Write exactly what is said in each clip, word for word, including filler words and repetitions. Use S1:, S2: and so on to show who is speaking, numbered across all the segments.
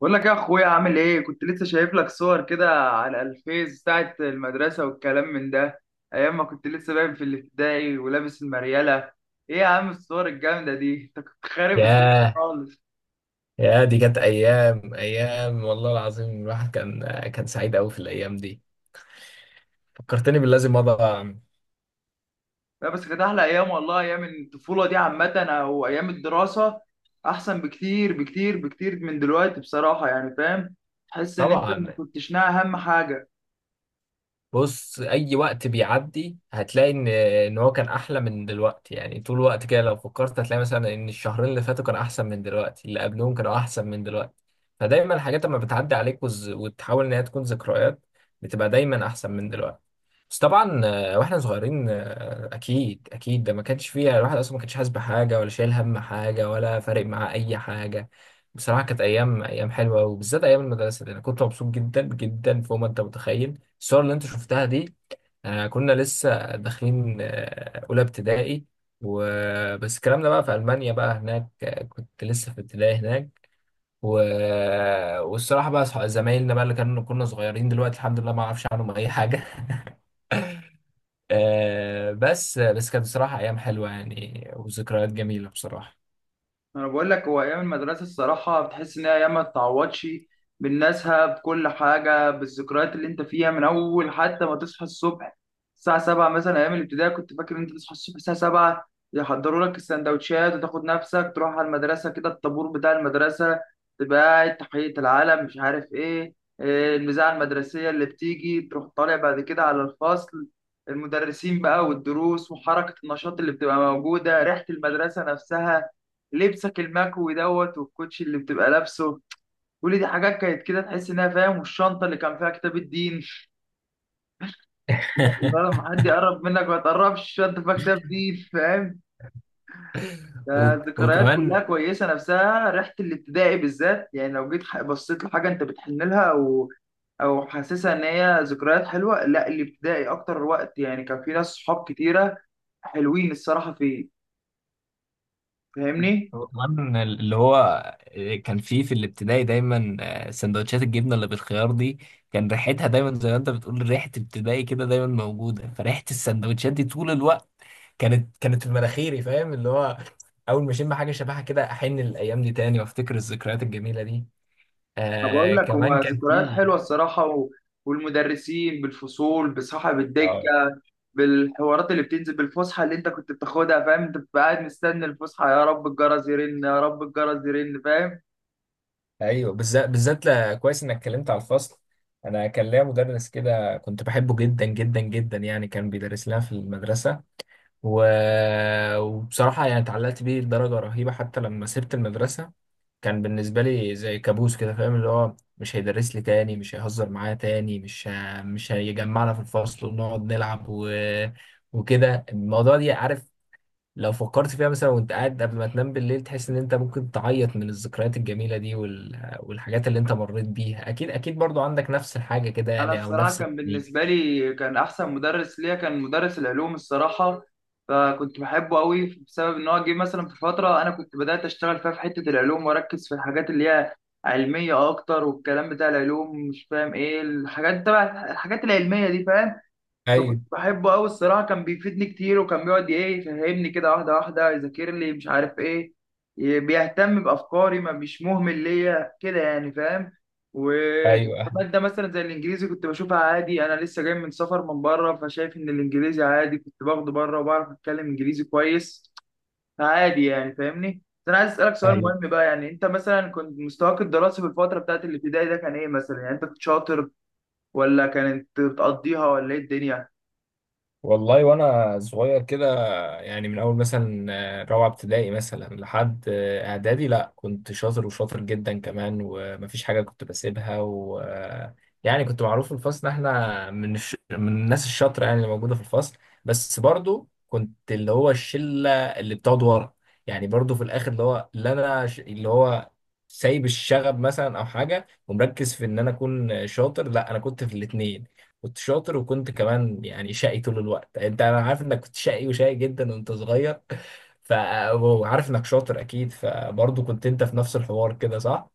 S1: بقول لك يا اخويا عامل ايه؟ كنت لسه شايف لك صور كده على الفيس بتاعه المدرسه والكلام من ده، ايام ما كنت لسه باين في الابتدائي ولابس المريله. ايه يا عم الصور الجامده دي، انت كنت خارب الدنيا
S2: ياه.
S1: خالص.
S2: يا دي كانت ايام ايام والله العظيم، الواحد كان كان سعيد قوي في الايام دي. فكرتني باللازم مضى.
S1: لا بس كانت احلى ايام والله، ايام الطفوله دي عامه او ايام الدراسه احسن بكتير بكتير بكتير من دلوقتي بصراحه، يعني فاهم؟ تحس ان انت
S2: طبعا.
S1: ما كنتش ناقي اهم حاجه.
S2: بص، اي وقت بيعدي هتلاقي ان ان هو كان احلى من دلوقتي، يعني طول الوقت كده لو فكرت هتلاقي مثلا ان الشهرين اللي فاتوا كانوا احسن من دلوقتي، اللي قبلهم كانوا احسن من دلوقتي. فدايما الحاجات لما بتعدي عليك وز... وتحاول ان هي تكون ذكريات بتبقى دايما احسن من دلوقتي. بس طبعا آه، واحنا صغيرين آه، اكيد اكيد ده ما كانش فيها الواحد اصلا ما كانش حاسس بحاجه ولا شايل هم حاجه ولا فارق معاه اي حاجه. بصراحه كانت ايام ايام حلوه، وبالذات ايام المدرسه دي انا كنت مبسوط جدا جدا فوق ما انت متخيل. الصور اللي انت شفتها دي آه، كنا لسه داخلين آه، اولى ابتدائي. وبس الكلام ده بقى في المانيا، بقى هناك آه، كنت لسه في ابتدائي هناك. و... والصراحه بقى صح- زمايلنا بقى اللي كانوا كنا صغيرين دلوقتي الحمد لله ما اعرفش عنهم اي حاجه. آه، بس بس كانت بصراحه ايام حلوه يعني وذكريات جميله بصراحه.
S1: انا بقول لك، هو ايام المدرسه الصراحه بتحس ان هي ايام ما تتعوضش، بالناسها، بكل حاجه، بالذكريات اللي انت فيها. من اول حتى ما تصحى الصبح الساعه السابعة مثلا، ايام الابتدائي كنت فاكر ان انت تصحى الصبح الساعه السابعة، يحضروا لك السندوتشات وتاخد نفسك تروح على المدرسه كده. الطابور بتاع المدرسه، تبقى قاعد تحيه العلم، مش عارف ايه، إيه المذاعه المدرسيه اللي بتيجي، تروح طالع بعد كده على الفصل. المدرسين بقى والدروس وحركه النشاط اللي بتبقى موجوده، ريحه المدرسه نفسها، لبسك المكوي دوت والكوتشي اللي بتبقى لابسه، كل دي حاجات كانت كده تحس انها فاهم. والشنطه اللي كان فيها كتاب الدين، لما حد يقرب منك ما تقربش، الشنطه فيها كتاب دين فاهم.
S2: و-
S1: فالذكريات كلها
S2: وكمان
S1: كويسه، نفسها ريحه الابتدائي بالذات. يعني لو جيت ح- بصيت لحاجه انت بتحن لها او او حاسسها ان هي ذكريات حلوه، لا الابتدائي اكتر وقت، يعني كان في ناس صحاب كتيره حلوين الصراحه فيه، فاهمني؟
S2: هو كمان اللي هو آه، كان فيه في الابتدائي دايما آه، سندوتشات الجبنه اللي بالخيار دي، كان ريحتها دايما زي ما انت بتقول ريحه ابتدائي كده دايما موجوده. فريحه السندوتشات دي طول الوقت كانت كانت في مناخيري، فاهم؟ اللي هو اول ما اشم حاجه شبهها كده احن للايام دي تاني وافتكر الذكريات الجميله دي.
S1: طب أقول
S2: آه
S1: لك،
S2: كمان
S1: هما
S2: كان
S1: ذكريات
S2: فيه.
S1: حلوة الصراحة و... والمدرسين بالفصول، بصاحب الدكة،
S2: اه.
S1: بالحوارات اللي بتنزل، بالفسحة اللي أنت كنت بتاخدها فاهم، أنت بتبقى قاعد مستني الفسحة، يا رب الجرس يرن يا رب الجرس يرن، فاهم؟
S2: ايوه بالذات بالذات لا- كويس انك اتكلمت على الفصل. انا كان ليا مدرس كده كنت بحبه جدا جدا جدا، يعني كان بيدرس لنا في المدرسه. و... وبصراحة يعني اتعلقت بيه لدرجة رهيبة، حتى لما سبت المدرسة كان بالنسبة لي زي كابوس كده، فاهم؟ اللي هو مش هيدرس لي تاني، مش هيهزر معايا تاني، مش ه... مش هيجمعنا في الفصل ونقعد نلعب و... وكده الموضوع دي، عارف؟ لو فكرت فيها مثلا وانت قاعد قبل ما تنام بالليل تحس ان انت ممكن تعيط من الذكريات الجميلة دي وال... والحاجات اللي انت مريت بيها، اكيد اكيد برضو عندك نفس الحاجة كده،
S1: أنا
S2: يعني او
S1: الصراحة
S2: نفس
S1: كان
S2: التنين.
S1: بالنسبة لي، كان أحسن مدرس ليا كان مدرس العلوم الصراحة. فكنت بحبه قوي بسبب إن هو جه مثلا في فترة أنا كنت بدأت أشتغل فيها في حتة العلوم وأركز في الحاجات اللي هي علمية أكتر، والكلام بتاع العلوم مش فاهم إيه، الحاجات تبع الحاجات العلمية دي فاهم. فكنت
S2: ايوه،
S1: بحبه قوي الصراحه، كان بيفيدني كتير، وكان بيقعد ايه، يفهمني كده واحده واحده، يذاكر لي، مش عارف ايه، ي- بيهتم بافكاري، ما مش مهمل ليا كده يعني، فاهم؟
S2: ايوه،
S1: وماده مثلا زي الانجليزي كنت بشوفها عادي، انا لسه جاي من سفر من بره، فشايف ان الانجليزي عادي، كنت باخده بره وبعرف اتكلم انجليزي كويس عادي يعني فاهمني. بس انا عايز اسالك سؤال
S2: ايوه.
S1: مهم بقى، يعني انت مثلا كنت مستواك الدراسي في الفتره بتاعت الابتدائي ده كان ايه مثلا؟ يعني انت كنت شاطر ولا كانت بتقضيها ولا ايه الدنيا؟
S2: والله وانا صغير كده، يعني من اول مثلا آه، رابعه ابتدائي مثلا لحد آه، اعدادي لا كنت شاطر وشاطر جدا كمان ومفيش حاجه كنت بسيبها و آه، يعني كنت معروف في الفصل ان احنا من الش... من الناس الشاطره يعني اللي موجوده في الفصل. بس برضو كنت اللي هو الشله اللي بتقعد ورا، يعني برضو في الاخر اللي هو اللي انا ش... اللي هو سايب الشغب مثلا او حاجه ومركز في ان انا اكون شاطر. لا انا كنت في الاثنين، كنت شاطر وكنت كمان يعني شقي طول الوقت. يعني انت انا عارف انك كنت شقي وشقي جدا وانت صغير ف وعارف انك شاطر اكيد فبرضه كنت انت في نفس الحوار كده، صح؟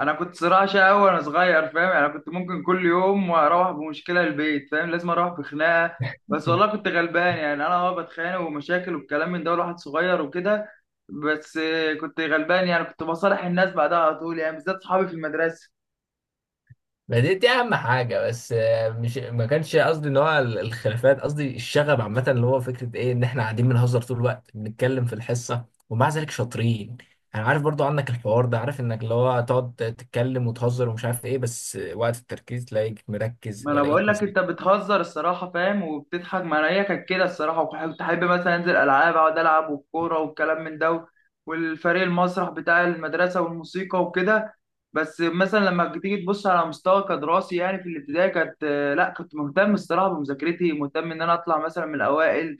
S1: انا كنت صراحه شقاوي وانا صغير فاهم، يعني انا كنت ممكن كل يوم اروح بمشكله البيت فاهم، لازم اروح بخناقه. بس والله كنت غلبان، يعني انا اه بتخانق ومشاكل والكلام من ده، الواحد صغير وكده. بس آه، كنت غلبان، يعني كنت بصالح الناس بعدها على طول، يعني بالذات صحابي في المدرسه.
S2: ما دي دي اهم حاجه. بس آه، مش ما كانش قصدي ان هو ال- الخلافات، قصدي الشغب عامه اللي هو فكره ايه ان احنا قاعدين بنهزر طول الوقت بنتكلم في الحصه ومع ذلك شاطرين. انا عارف برضو عنك الحوار ده، عارف انك اللي هو تقعد تتكلم وتهزر ومش عارف ايه، بس وقت التركيز تلاقيك مركز
S1: ما انا بقول
S2: ولاقيك.
S1: لك، انت بتهزر الصراحه فاهم وبتضحك، ما انا هي كانت كده الصراحه، وكنت احب مثلا انزل العاب، اقعد العب والكوره والكلام من ده، والفريق المسرح بتاع المدرسه والموسيقى وكده. بس مثلا لما بتيجي تبص على مستوى كدراسي يعني في الابتدائي كانت، لا كنت مهتم الصراحه بمذاكرتي، مهتم ان انا اطلع مثلا من الاوائل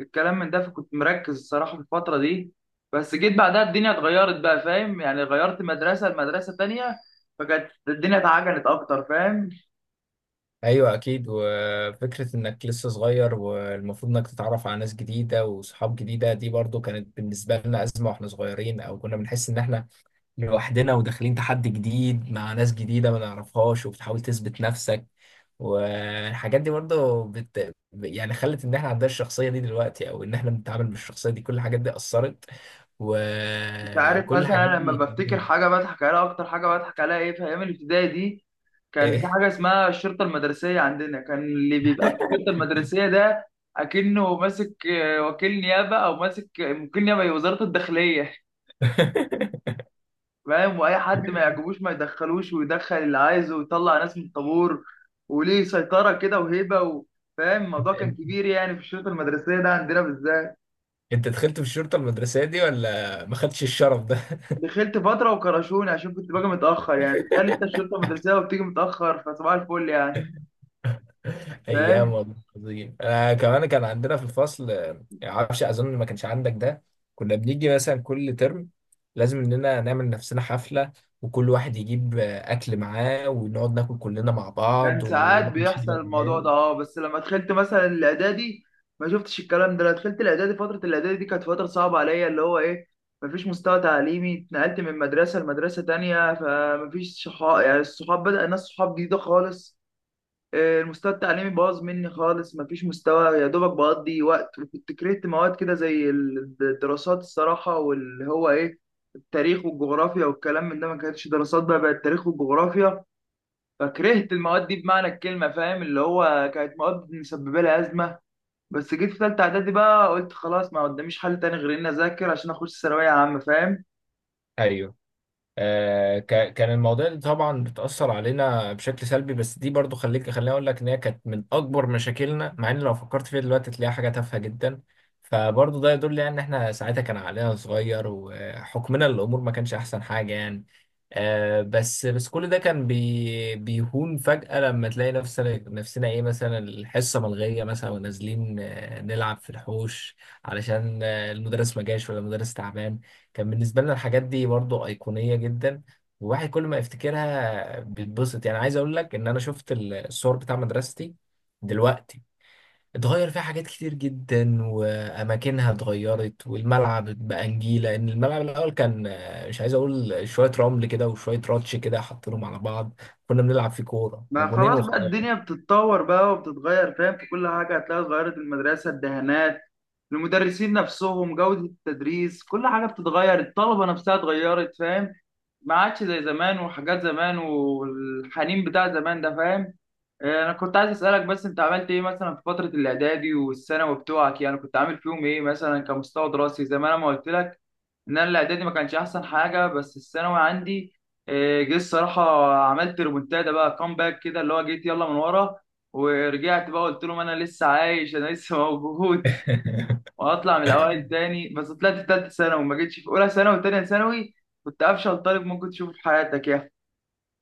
S1: الكلام من ده، فكنت مركز الصراحه في الفتره دي. بس جيت بعدها الدنيا اتغيرت بقى فاهم، يعني غيرت مدرسه لمدرسه تانية، فكانت الدنيا اتعجلت اكتر فاهم.
S2: ايوه اكيد. وفكره انك لسه صغير والمفروض انك تتعرف على ناس جديده وصحاب جديده، دي برضو كانت بالنسبه لنا ازمه واحنا صغيرين، او كنا بنحس ان احنا لوحدنا وداخلين تحدي جديد مع ناس جديده ما نعرفهاش وبتحاول تثبت نفسك. والحاجات دي برضو بت... يعني خلت ان احنا عندنا الشخصيه دي دلوقتي، او ان احنا بنتعامل بالشخصيه دي. كل الحاجات دي اثرت
S1: انت
S2: و-
S1: عارف
S2: وكل
S1: مثلا
S2: الحاجات
S1: انا لما
S2: دي.
S1: بفتكر حاجه بضحك عليها، اكتر حاجه بضحك عليها ايه في ايام الابتدائي دي؟ كان في
S2: إيه؟
S1: حاجه اسمها الشرطه المدرسيه عندنا. كان اللي بيبقى في الشرطه المدرسيه ده اكنه ماسك آه، وكيل نيابه، او ماسك آه، وكيل نيابه ايه، وزاره الداخليه فاهم. واي حد ما يعجبوش ما يدخلوش، ويدخل اللي عايزه، ويطلع ناس من الطابور، وليه سيطره كده وهيبه و- فاهم؟ الموضوع كان كبير يعني في الشرطه المدرسيه ده عندنا بالذات.
S2: انت دخلت في الشرطه المدرسيه دي ولا ما خدتش الشرف ده؟
S1: دخلت فترة وكرشوني عشان كنت باجي متأخر، يعني تخيل انت الشرطة المدرسية وبتيجي متأخر، فصباح الفل يعني
S2: ايام
S1: فاهم.
S2: والله عظيم. انا كمان كان عندنا في الفصل آه، معرفش اظن ما كانش عندك ده، كنا بنيجي مثلا كل ترم لازم اننا نعمل نفسنا حفله وكل واحد يجيب آه، اكل معاه ونقعد ناكل كلنا مع بعض
S1: كان ساعات
S2: ونقعد نشغل
S1: بيحصل الموضوع ده،
S2: اغاني.
S1: اه بس لما دخلت مثلا الإعدادي ما شفتش الكلام ده. لما دخلت الإعدادي، فترة الإعدادي دي كانت فترة صعبة عليا، اللي هو إيه، مفيش مستوى تعليمي، اتنقلت من مدرسة لمدرسة تانية، فمفيش صحاب يعني، الصحاب بدأ، الناس صحاب جديدة خالص. آه، المستوى التعليمي باظ مني خالص، مفيش مستوى، يا دوبك بقضي وقت. وكنت كرهت مواد كده زي الدراسات الصراحة، واللي هو إيه، التاريخ والجغرافيا والكلام من ده، ما كانتش دراسات بقى، بقت تاريخ وجغرافيا، فكرهت المواد دي بمعنى الكلمة فاهم، اللي هو كانت مواد مسببة لي أزمة. بس جيت في تالتة إعدادي بقى، قلت خلاص ما قداميش حل تاني غير إني أذاكر عشان أخش ثانوية عامة فاهم.
S2: ايوه آه، ك- كان المواضيع دي طبعا بتأثر علينا بشكل سلبي، بس دي برضو خليك خليني أقول لك إن هي كانت من أكبر مشاكلنا، مع إن لو فكرت فيها دلوقتي تلاقيها حاجة تافهة جدا. فبرضو ده يدل يعني إن إحنا ساعتها كان عقلنا صغير وحكمنا للأمور ما كانش أحسن حاجة يعني. آه، بس بس كل ده كان بي بيهون فجأة لما تلاقي نفسنا نفسنا إيه مثلا الحصة ملغية مثلا ونازلين آه، نلعب في الحوش علشان آه، المدرس ما جاش ولا المدرس تعبان. كان بالنسبة لنا الحاجات دي برضو أيقونية جدا، والواحد كل ما يفتكرها بيتبسط. يعني عايز أقول لك إن أنا شفت ال- الصور بتاع مدرستي دلوقتي اتغير فيها حاجات كتير جدا وأماكنها اتغيرت، والملعب بقى نجيلة، إن الملعب الأول كان آه، مش عايز أقول شوية رمل كده وشوية راتش كده حاطينهم على بعض، كنا بنلعب فيه كورة
S1: ما
S2: وجونين
S1: خلاص بقى
S2: وخلاص.
S1: الدنيا بتتطور بقى وبتتغير فاهم، في كل حاجة هتلاقي اتغيرت، المدرسة، الدهانات، المدرسين نفسهم، جودة التدريس، كل حاجة بتتغير، الطلبة نفسها اتغيرت فاهم، ما عادش زي زمان، وحاجات زمان والحنين بتاع زمان ده فاهم. آه، انا كنت عايز اسألك بس، انت عملت ايه مثلا في فترة الاعدادي والثانوي بتوعك؟ يعني كنت عامل فيهم ايه مثلا كمستوى دراسي؟ زي ما انا ما قلت لك ان انا الاعدادي ما كانش احسن حاجه، بس الثانوي عندي آه، جه الصراحه، عملت ريمونتادا بقى، كومباك كده، اللي هو جيت يلا من ورا، ورجعت بقى قلت لهم انا لسه عايش، انا لسه موجود وهطلع من الاوائل تاني. بس طلعت في ثالثه ثانوي، ما جيتش في اولى ثانوي وثانيه ثانوي، كنت افشل طالب ممكن تشوفه في حياتك يا.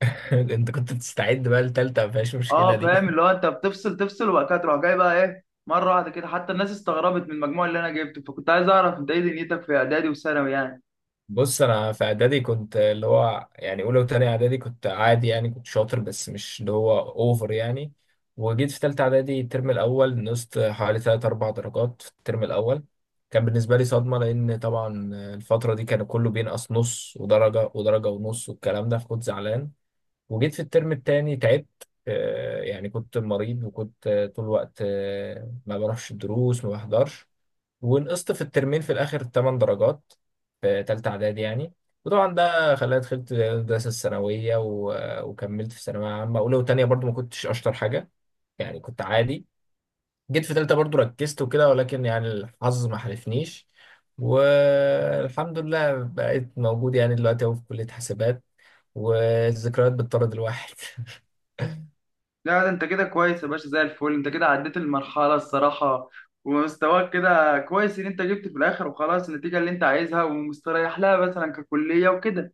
S2: أنت كنت بتستعد بقى لتالتة ما فيهاش مشكلة
S1: اه فاهم،
S2: دي.
S1: اللي هو انت بتفصل تفصل وبعد كده تروح جاي بقى ايه مره واحده كده، حتى الناس استغربت من المجموع اللي انا جبته، فكنت عايز اعرف انت ايه دنيتك في اعدادي وثانوي يعني.
S2: بص انا في اعدادي كنت اللي هو يعني اولى وتانية اعدادي كنت عادي، يعني كنت شاطر بس مش اللي هو اوفر يعني. وجيت في تالتة اعدادي الترم الاول نقصت حوالي تلات اربع درجات في الترم الاول، كان بالنسبة لي صدمة، لان طبعا الفترة دي كان كله بينقص نص ودرجة ودرجة ونص والكلام ده، فكنت زعلان. وجيت في الترم التاني تعبت آه، يعني كنت مريض وكنت آه، طول الوقت آه، ما بروحش الدروس ما بحضرش. ونقصت في الترمين في الآخر 8 درجات في تالتة إعدادي يعني. وطبعا ده خلاني دخلت الدراسة الثانوية و... وكملت في ثانوية عامة أولى وتانية برضو ما كنتش أشطر حاجة، يعني كنت عادي. جيت في تالتة برضو ركزت وكده ولكن يعني الحظ ما حالفنيش، والحمد لله بقيت موجود يعني دلوقتي أهو في كلية حاسبات. والذكريات بتطرد الواحد.
S1: لا ده انت كده كويس يا باشا زي الفل، انت كده عديت المرحلة الصراحة، ومستواك كده كويس، ان انت جبت في الاخر وخلاص النتيجة اللي انت عايزها ومستريح لها مثلا ككلية وكده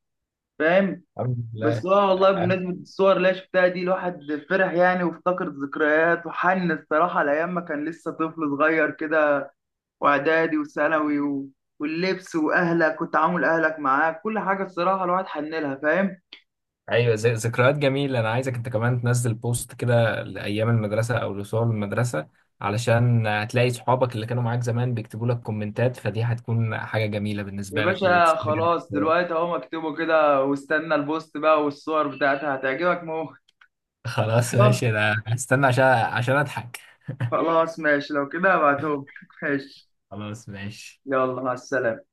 S1: فاهم.
S2: الحمد
S1: بس
S2: لله.
S1: هو والله بمناسبة الصور اللي أنا شفتها دي، الواحد فرح يعني وافتكر ذكريات، وحن الصراحة لأيام ما كان لسه طفل صغير كده، وإعدادي وثانوي و... واللبس وأهلك وتعامل أهلك معاك، كل حاجة الصراحة الواحد حن لها فاهم.
S2: ايوه زي ذكريات جميله، انا عايزك انت كمان تنزل بوست كده لايام المدرسه او لصور المدرسه علشان هتلاقي صحابك اللي كانوا معاك زمان بيكتبوا لك كومنتات، فدي هتكون حاجه جميله
S1: يا
S2: بالنسبه لك
S1: باشا
S2: وتستجد.
S1: خلاص، دلوقتي اهو مكتوبه كده، واستنى البوست بقى والصور بتاعتها هتعجبك موت.
S2: خلاص
S1: طب
S2: ماشي، انا هستنى عشان عشان اضحك.
S1: خلاص ماشي، لو كده هبعتهم ماشي.
S2: خلاص ماشي.
S1: يلا مع السلامة.